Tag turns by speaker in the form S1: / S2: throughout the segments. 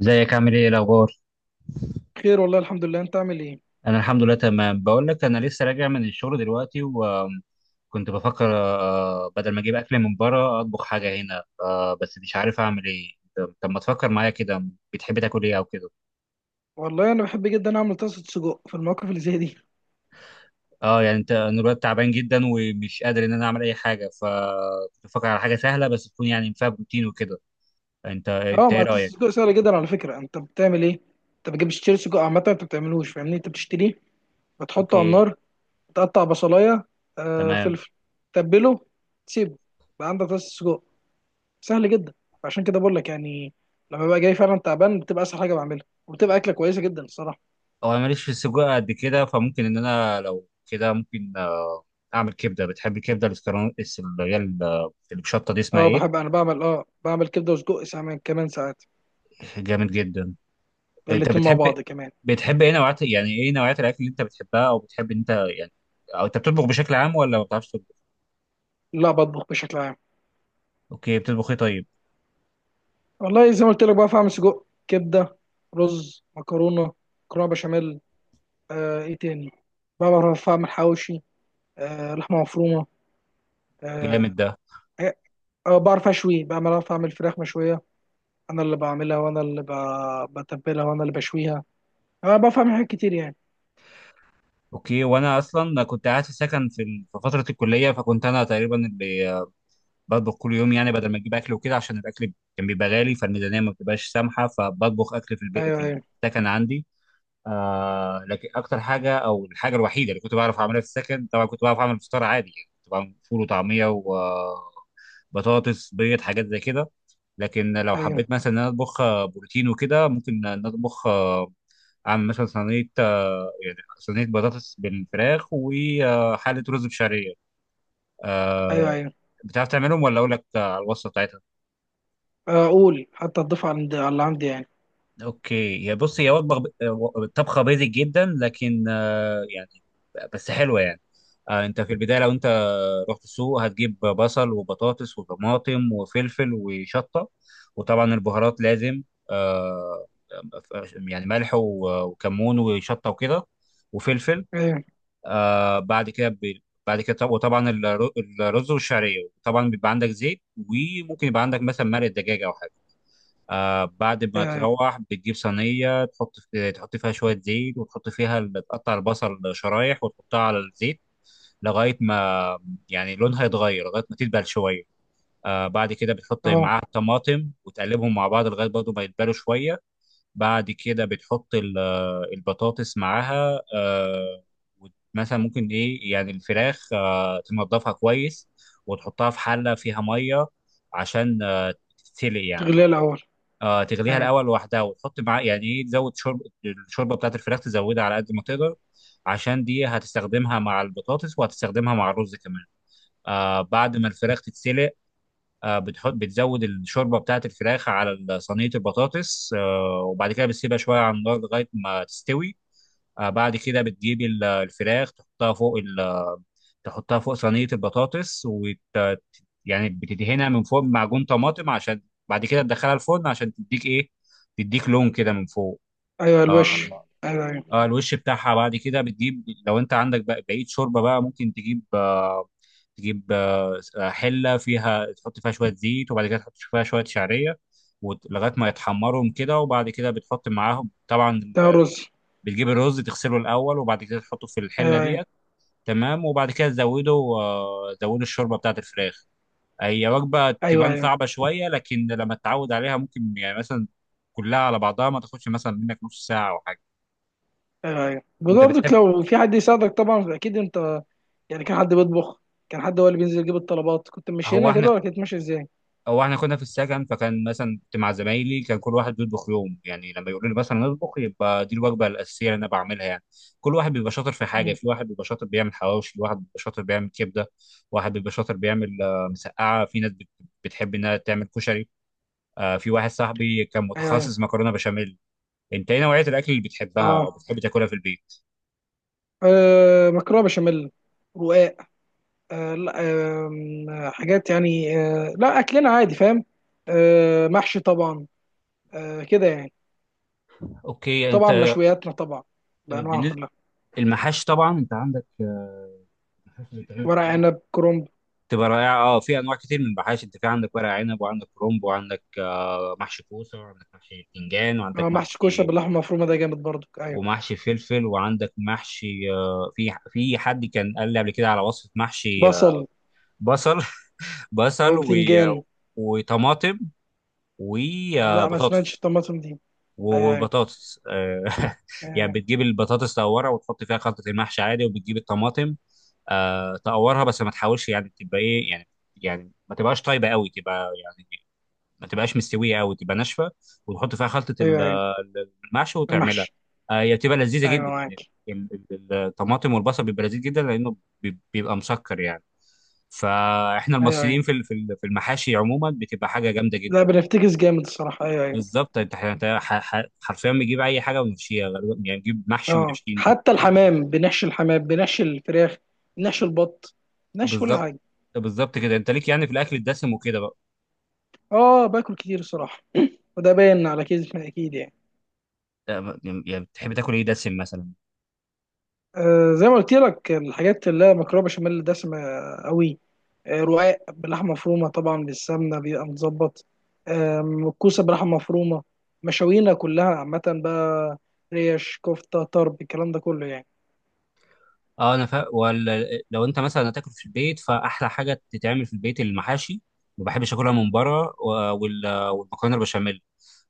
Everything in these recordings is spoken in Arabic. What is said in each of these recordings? S1: ازيك عامل ايه إيه الاخبار؟
S2: خير والله، الحمد لله. انت عامل ايه؟
S1: انا الحمد لله تمام. بقول لك انا لسه راجع من الشغل دلوقتي وكنت بفكر بدل ما اجيب اكل من بره اطبخ حاجه هنا، بس مش عارف اعمل ايه. طب ما تفكر معايا كده. بتحب تاكل ايه او كده؟
S2: والله انا بحب جدا اعمل طاسه سجق في المواقف اللي زي دي.
S1: اه يعني انا دلوقتي تعبان جدا ومش قادر ان انا اعمل اي حاجه، فكنت بفكر على حاجه سهله بس تكون يعني فيها بروتين وكده. انت
S2: اه،
S1: انت ايه
S2: ما طاسه
S1: رايك؟
S2: سجق سهله جدا على فكره. انت بتعمل ايه؟ انت بتجيب تشتري سجق عامه، انت بتعملوش؟ فاهمني؟ انت بتشتريه، بتحطه على
S1: اوكي.
S2: النار، تقطع بصلايه،
S1: تمام.
S2: فلفل، تبله، تسيبه، بقى عندك طاسه سجق. سهل جدا. عشان كده بقول لك يعني، لما ببقى جاي فعلا تعبان بتبقى اسهل حاجه بعملها، وبتبقى اكله كويسه جدا الصراحه.
S1: هو انا ماليش في السجق قد كده، فممكن ان انا لو كده ممكن، اعمل كبده. بتحب الكبده الاسكرون، اللي هي الشطه دي اسمها
S2: اه،
S1: ايه؟
S2: بحب انا بعمل كبده وسجق، ساعات كمان ساعات.
S1: جامد جدا. انت
S2: الاتنين مع
S1: بتحب،
S2: بعض كمان.
S1: بتحب ايه نوعات؟ يعني ايه نوعيات الاكل اللي انت بتحبها او بتحب إن انت يعني، او انت بتطبخ بشكل عام ولا ما بتعرفش تطبخ؟
S2: لا، بطبخ بشكل عام.
S1: اوكي، بتطبخ ايه طيب؟
S2: والله زي ما قلت لك بقى، فاهم، سجق، كبده، رز، مكرونه، مكرونه بشاميل. ايه تاني؟ بقى بعرف اعمل حواوشي، لحمه مفرومه. آه
S1: جامد ده.
S2: إيه، آه، بعرف اشوي، بقى بعرف اعمل فراخ مشويه. انا اللي بعملها، وانا اللي بتبلها، وانا اللي بشويها. انا بعرف اعمل حاجات كتير يعني.
S1: اوكي، وانا اصلا كنت قاعد في سكن في في فتره الكليه، فكنت انا تقريبا اللي بطبخ كل يوم، يعني بدل ما اجيب اكل وكده عشان الاكل كان بيبقى غالي فالميزانيه ما بتبقاش سامحه، فبطبخ اكل في البيت
S2: ايوه
S1: يعني.
S2: ايوه
S1: السكن عندي. آه لكن اكتر حاجه او الحاجه الوحيده اللي كنت بعرف اعملها في السكن، طبعا كنت بعرف اعمل فطار عادي يعني كنت بعمل فول وطعميه وبطاطس بيض حاجات زي كده. لكن لو
S2: ايوه
S1: حبيت مثلا ان انا اطبخ، بروتين وكده، ممكن ان أنا اطبخ، اعمل مثلا صينيه، يعني صينيه بطاطس بالفراخ وحاله رز بشعريه،
S2: ايوه
S1: آه،
S2: ايوه.
S1: بتعرف تعملهم ولا اقول لك على الوصفه بتاعتها؟
S2: اقول حتى اضيف على على اللي عندي يعني.
S1: اوكي، يا بص، هي وجبه طبخه بيزك جدا لكن آه، يعني بس حلوه يعني. انت في البدايه لو انت رحت السوق هتجيب بصل وبطاطس وطماطم وفلفل وشطه، وطبعا البهارات لازم، آه، يعني ملح وكمون وشطه وكده، وفلفل.
S2: ايوه
S1: آه، بعد كده بعد كده وطبعا الرز والشعريه طبعا بيبقى عندك زيت، وممكن يبقى عندك مثلا مرق دجاج او حاجه. آه بعد ما
S2: ايوه ايوه.
S1: تروح بتجيب صينية، تحط في تحط فيها شوية زيت وتحط فيها تقطع البصل شرايح وتحطها على الزيت لغاية ما يعني لونها يتغير، لغاية ما تدبل شوية. آه بعد كده بتحط
S2: اه،
S1: معاها الطماطم وتقلبهم مع بعض لغاية برضه ما يدبلوا شوية. بعد كده بتحط البطاطس معاها آه، مثلا ممكن إيه يعني الفراخ آه تنضفها كويس وتحطها في حلة فيها مية عشان آه، تتسلق يعني.
S2: تغليه الاول.
S1: آه تغليها
S2: ايوه
S1: الاول لوحدها وتحط معاه يعني ايه تزود شرب، الشوربه بتاعت الفراخ تزودها على قد ما تقدر عشان دي هتستخدمها مع البطاطس وهتستخدمها مع الرز كمان. آه بعد ما الفراخ تتسلق، آه بتحط بتزود الشوربه بتاعت الفراخ على صينيه البطاطس، آه وبعد كده بتسيبها شويه على النار لغايه ما تستوي. آه بعد كده بتجيب الفراخ تحطها فوق، تحطها فوق صينية البطاطس وت... يعني بتدهنها من فوق بمعجون طماطم، عشان بعد كده تدخلها الفرن عشان تديك ايه، تديك لون كده من فوق.
S2: ايوه
S1: آه,
S2: الوش. ايوه ايوه
S1: اه الوش بتاعها. بعد كده بتجيب لو انت عندك بقى بقية شوربة بقى، ممكن تجيب آه، تجيب آه حلة فيها، تحط فيها شوية زيت وبعد كده تحط فيها شوية شعرية، لغاية ما يتحمرهم كده، وبعد كده بتحط معاهم طبعا
S2: ده الرز.
S1: بتجيب الرز، تغسله الأول وبعد كده تحطه في الحلة
S2: ايوه ايوه
S1: دي. تمام، وبعد كده زودوا زودوا الشوربه بتاعت الفراخ. هي وجبه
S2: ايوه
S1: تبان
S2: ايوه
S1: صعبه شويه، لكن لما تتعود عليها ممكن يعني مثلا كلها على بعضها ما تاخدش مثلا منك نص ساعه او حاجه.
S2: ايوه
S1: انت
S2: برضك،
S1: بتحب،
S2: لو في حد يساعدك طبعا اكيد. انت يعني كان حد بيطبخ؟ كان حد هو اللي بينزل يجيب الطلبات؟ كنت ماشي
S1: هو
S2: هنا
S1: احنا
S2: كده ولا كنت ماشي ازاي؟
S1: هو احنا كنا في السكن، فكان مثلا كنت مع زمايلي، كان كل واحد بيطبخ يوم، يعني لما يقولوا لي مثلا اطبخ يبقى دي الوجبه الاساسيه اللي انا بعملها يعني. كل واحد بيبقى شاطر في حاجه،
S2: مم.
S1: في واحد بيبقى شاطر بيعمل حواوشي، واحد بيبقى شاطر بيعمل كبده، واحد بيبقى شاطر بيعمل، مسقعه، في ناس بتحب انها تعمل كشري، في واحد صاحبي كان
S2: ايوه ايوه.
S1: متخصص مكرونه بشاميل. انت ايه نوعيه الاكل اللي بتحبها
S2: اه،
S1: او بتحب تاكلها في البيت؟
S2: مكرونه بشاميل، رقاق. آه لا آه حاجات يعني، لا اكلنا عادي، فاهم؟ محشي طبعا، كده يعني.
S1: اوكي.
S2: طبعا
S1: انت
S2: مشوياتنا طبعا بانواعها
S1: بالنسبه،
S2: كلها.
S1: المحاشي طبعا انت عندك، المحاشي اللي بتتعمل في
S2: ورق
S1: البيت
S2: عنب، كرنب.
S1: تبقى رائعه. اه في انواع كتير من المحاشي، انت في عندك ورق عنب، وعندك كرنب، وعندك محشي كوسه، وعندك محشي باذنجان، وعندك
S2: محشي كوشه
S1: محشي،
S2: باللحمه المفرومه، ده جامد برضك. ايوه،
S1: ومحشي فلفل، وعندك محشي، في في حد كان قال لي قبل كده على وصفه محشي،
S2: بصل
S1: بصل.
S2: او
S1: بصل
S2: بتنجان.
S1: وطماطم
S2: لا، ما سمعتش
S1: وبطاطس،
S2: الطماطم دي. ايوه ايوه.
S1: وبطاطس. يعني
S2: أيوة.
S1: بتجيب البطاطس تقورها وتحط فيها خلطة المحشي عادي، وبتجيب الطماطم، تقورها بس ما تحاولش يعني تبقى ايه يعني، يعني ما تبقاش طيبة قوي، تبقى يعني ما تبقاش مستوية قوي، تبقى ناشفة، وتحط فيها خلطة
S2: ايوه ايوه
S1: المحشي وتعملها.
S2: المحشي.
S1: آه، هي بتبقى لذيذة
S2: ايوه
S1: جدا
S2: معاك.
S1: يعني. الطماطم والبصل بيبقى لذيذ جدا لأنه بيبقى مسكر يعني. فاحنا
S2: ايوه ايوه.
S1: المصريين في في المحاشي عموما بتبقى حاجة جامدة
S2: لا،
S1: جدا.
S2: بنفتكس جامد الصراحه. ايوه ايوه.
S1: بالظبط، انت حرفيا بيجيب اي حاجه ويمشيها غالبا، يعني نجيب محشي
S2: اه،
S1: ونشكي نجيب
S2: حتى
S1: اي.
S2: الحمام بنحشي، الحمام بنحشي الفراخ، بنحشي البط، بنحشي كل
S1: بالظبط.
S2: حاجه.
S1: بالظبط كده. انت ليك يعني في الاكل الدسم وكده بقى؟
S2: اه، باكل كتير الصراحه. وده باين على كيزي اكيد يعني.
S1: اه، يعني بتحب تاكل ايه دسم مثلا؟
S2: زي ما قلت لك، الحاجات اللي هي مكرونه بشاميل دسمه قوي. رقاق بلحمه مفرومه، طبعا بالسمنه بيبقى متظبط. الكوسه بلحمه مفرومه. مشاوينا كلها عامه بقى، ريش، كفته، طرب، الكلام ده كله يعني.
S1: اه انا فا... ولا لو انت مثلا هتاكل في البيت فاحلى حاجه تتعمل في البيت المحاشي، ما بحبش اكلها من بره، و... والمكرونه البشاميل،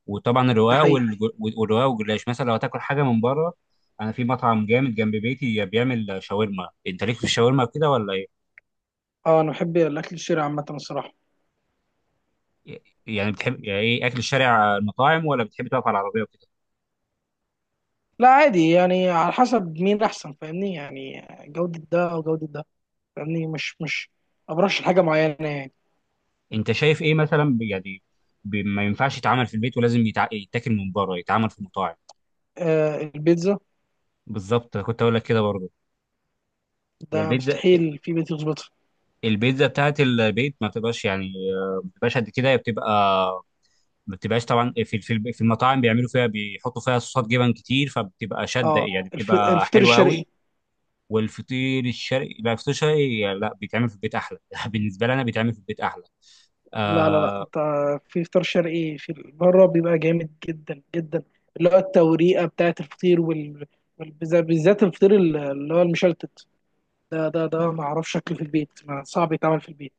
S1: وطبعا
S2: ده
S1: الرقاق
S2: حقيقي.
S1: والرقاق والجلاش. مثلا لو هتاكل حاجه من بره، انا في مطعم جامد جنب بيتي بيعمل شاورما. انت ليك في الشاورما كده ولا ايه؟
S2: اه، انا بحب الاكل الشرقي عامه الصراحه.
S1: يعني بتحب يعني ايه اكل الشارع، المطاعم، ولا بتحب تقف على العربيه وكده؟
S2: لا عادي يعني، على حسب مين احسن، فاهمني؟ يعني جوده ده او جوده ده، فاهمني؟ مش مش ما برشح حاجه معينه يعني.
S1: انت شايف ايه مثلا يعني ما ينفعش يتعمل في البيت ولازم يتع... يتاكل من بره، يتعمل في مطاعم؟
S2: البيتزا،
S1: بالظبط، كنت اقول لك كده برضه. هي
S2: ده
S1: البيتزا،
S2: مستحيل في بيت يظبطها.
S1: البيتزا بتاعت البيت ما بتبقاش يعني، آه، ما بتبقاش قد كده، هي بتبقى ما بتبقاش، طبعا في المطاعم بيعملوا فيها، بيحطوا فيها صوصات جبن كتير فبتبقى شاده
S2: اه،
S1: يعني، بتبقى
S2: الفطير
S1: حلوه قوي.
S2: الشرقي،
S1: والفطير الشرقي، لا الفطير الشرقي لا بيتعمل في البيت احلى. بالنسبه لي انا بيتعمل في البيت احلى،
S2: لا لا لا،
S1: آه،
S2: انت في فطار شرقي في بره بيبقى جامد جدا جدا اللي هو التوريقه بتاعت الفطير وال... بالذات الفطير اللي هو المشلتت، ده ما اعرفش شكله في البيت، ما صعب يتعمل في البيت.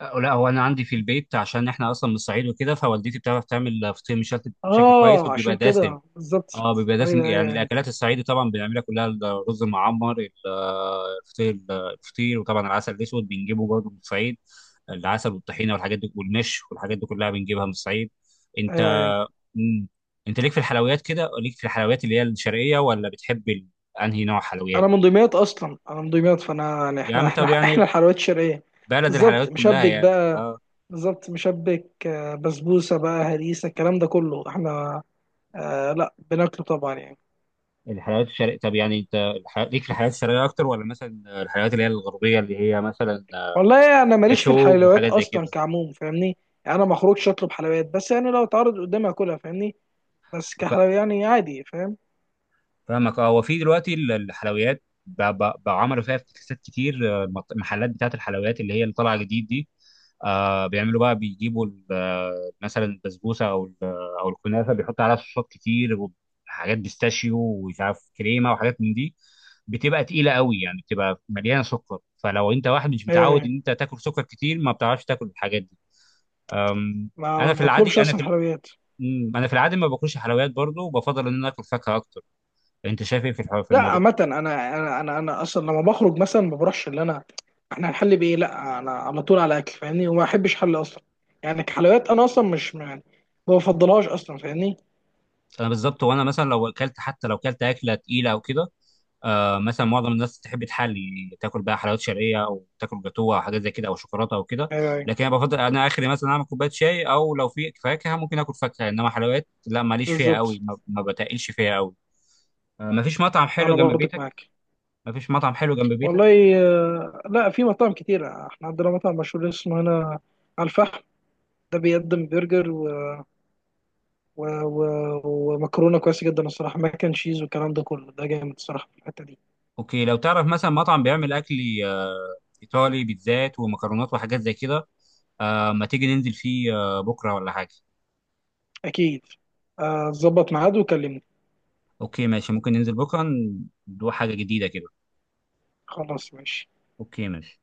S1: أه، لا هو انا عندي في البيت، عشان احنا اصلا من الصعيد وكده، فوالدتي بتعرف تعمل فطير مشلتت بشكل كويس
S2: اه،
S1: وبيبقى
S2: عشان
S1: دسم.
S2: كده بالظبط.
S1: اه بيبقى دسم.
S2: ايوه
S1: يعني
S2: ايوه ايوه
S1: الاكلات الصعيدي طبعا بنعملها كلها، الرز المعمر، الفطير، الفطير، وطبعا العسل الاسود بنجيبه برضه من الصعيد. العسل والطحينه والحاجات دي والنش والحاجات دي كلها بنجيبها من الصعيد. انت،
S2: ايوه ايوه.
S1: مم. انت ليك في الحلويات كده؟ ليك في الحلويات اللي هي الشرقيه ولا بتحب انهي نوع
S2: انا
S1: حلويات؟
S2: من دمياط اصلا، انا من دمياط، فانا يعني
S1: يا
S2: احنا
S1: عم،
S2: احنا
S1: طب
S2: احنا
S1: يعني
S2: الحلويات الشرقيه.
S1: بلد
S2: بالظبط،
S1: الحلويات كلها
S2: مشبك
S1: يعني
S2: بقى.
S1: آه.
S2: بالظبط مشبك، بسبوسه بقى، هريسه، الكلام ده كله احنا لا بناكله طبعا يعني.
S1: الحلويات الشرقية. طب يعني انت الح... ليك في الحلويات الشرقية اكتر ولا مثلا الحلويات اللي هي الغربية، اللي هي مثلا
S2: والله يعني انا ماليش في
S1: جاتو
S2: الحلويات
S1: وحاجات زي
S2: اصلا
S1: كده؟
S2: كعموم، فاهمني؟ يعني انا ما اخرجش اطلب حلويات، بس يعني لو اتعرض قدامي اكلها، فاهمني؟ بس كحلويات يعني عادي، فاهم؟
S1: فاهمك. اه هو في دلوقتي الحلويات بقوا عملوا فيها افتكاسات كتير. المحلات بتاعه الحلويات اللي هي اللي طالعه جديد دي، آه بيعملوا بقى بيجيبوا مثلا البسبوسه او او الكنافه، بيحطوا عليها صوصات كتير وحاجات بيستاشيو ومش عارف كريمه وحاجات من دي، بتبقى تقيله قوي يعني، بتبقى مليانه سكر، فلو انت واحد مش
S2: ايوه
S1: متعود
S2: ايوه.
S1: ان انت تاكل سكر كتير ما بتعرفش تاكل الحاجات دي. أم،
S2: ما ما
S1: انا في
S2: بطلبش
S1: العادي انا
S2: اصلا
S1: في
S2: حلويات.
S1: انا في العادي ما باكلش حلويات برضه، وبفضل ان انا اكل فاكهه اكتر. انت شايف ايه في في
S2: لا
S1: الموضوع؟
S2: عامة، انا اصلا لما بخرج مثلا ما بروحش. اللي انا احنا هنحل بايه؟ لا، انا على طول على اكل فاهمني، وما احبش حل اصلا. يعني كحلويات انا اصلا مش يعني ما بفضلهاش اصلا، فاهمني؟
S1: انا بالظبط، وانا مثلا لو اكلت، حتى لو اكلت اكله تقيله او كده، آه مثلا معظم الناس تحب تحلي، تاكل بقى حلويات شرقيه او تاكل جاتوه او حاجات زي كده او شوكولاته او كده،
S2: ايوه ايوه
S1: لكن انا بفضل انا اخري مثلا اعمل كوبايه شاي، او لو في فاكهه ممكن اكل فاكهه، انما حلويات لا ماليش فيها
S2: بالظبط.
S1: قوي، ما بتقلش فيها قوي. ما فيش مطعم حلو
S2: انا
S1: جنب
S2: برضك
S1: بيتك؟
S2: معاك.
S1: ما فيش مطعم حلو جنب بيتك؟
S2: والله لا، في مطاعم كتيرة. احنا عندنا مطعم مشهور اسمه هنا على الفحم، ده بيقدم برجر و... و... ومكرونة كويسة جدا الصراحة، ماك اند تشيز والكلام ده كله، ده جامد الصراحة في الحتة دي.
S1: اوكي، لو تعرف مثلا مطعم بيعمل اكل، آه، ايطالي، بيتزات ومكرونات وحاجات زي كده، آه ما تيجي ننزل فيه آه بكره ولا حاجه؟
S2: أكيد. ظبط ميعاد وكلمني.
S1: اوكي ماشي، ممكن ننزل بكره، ندوق حاجه جديده كده.
S2: خلاص، ماشي.
S1: اوكي ماشي.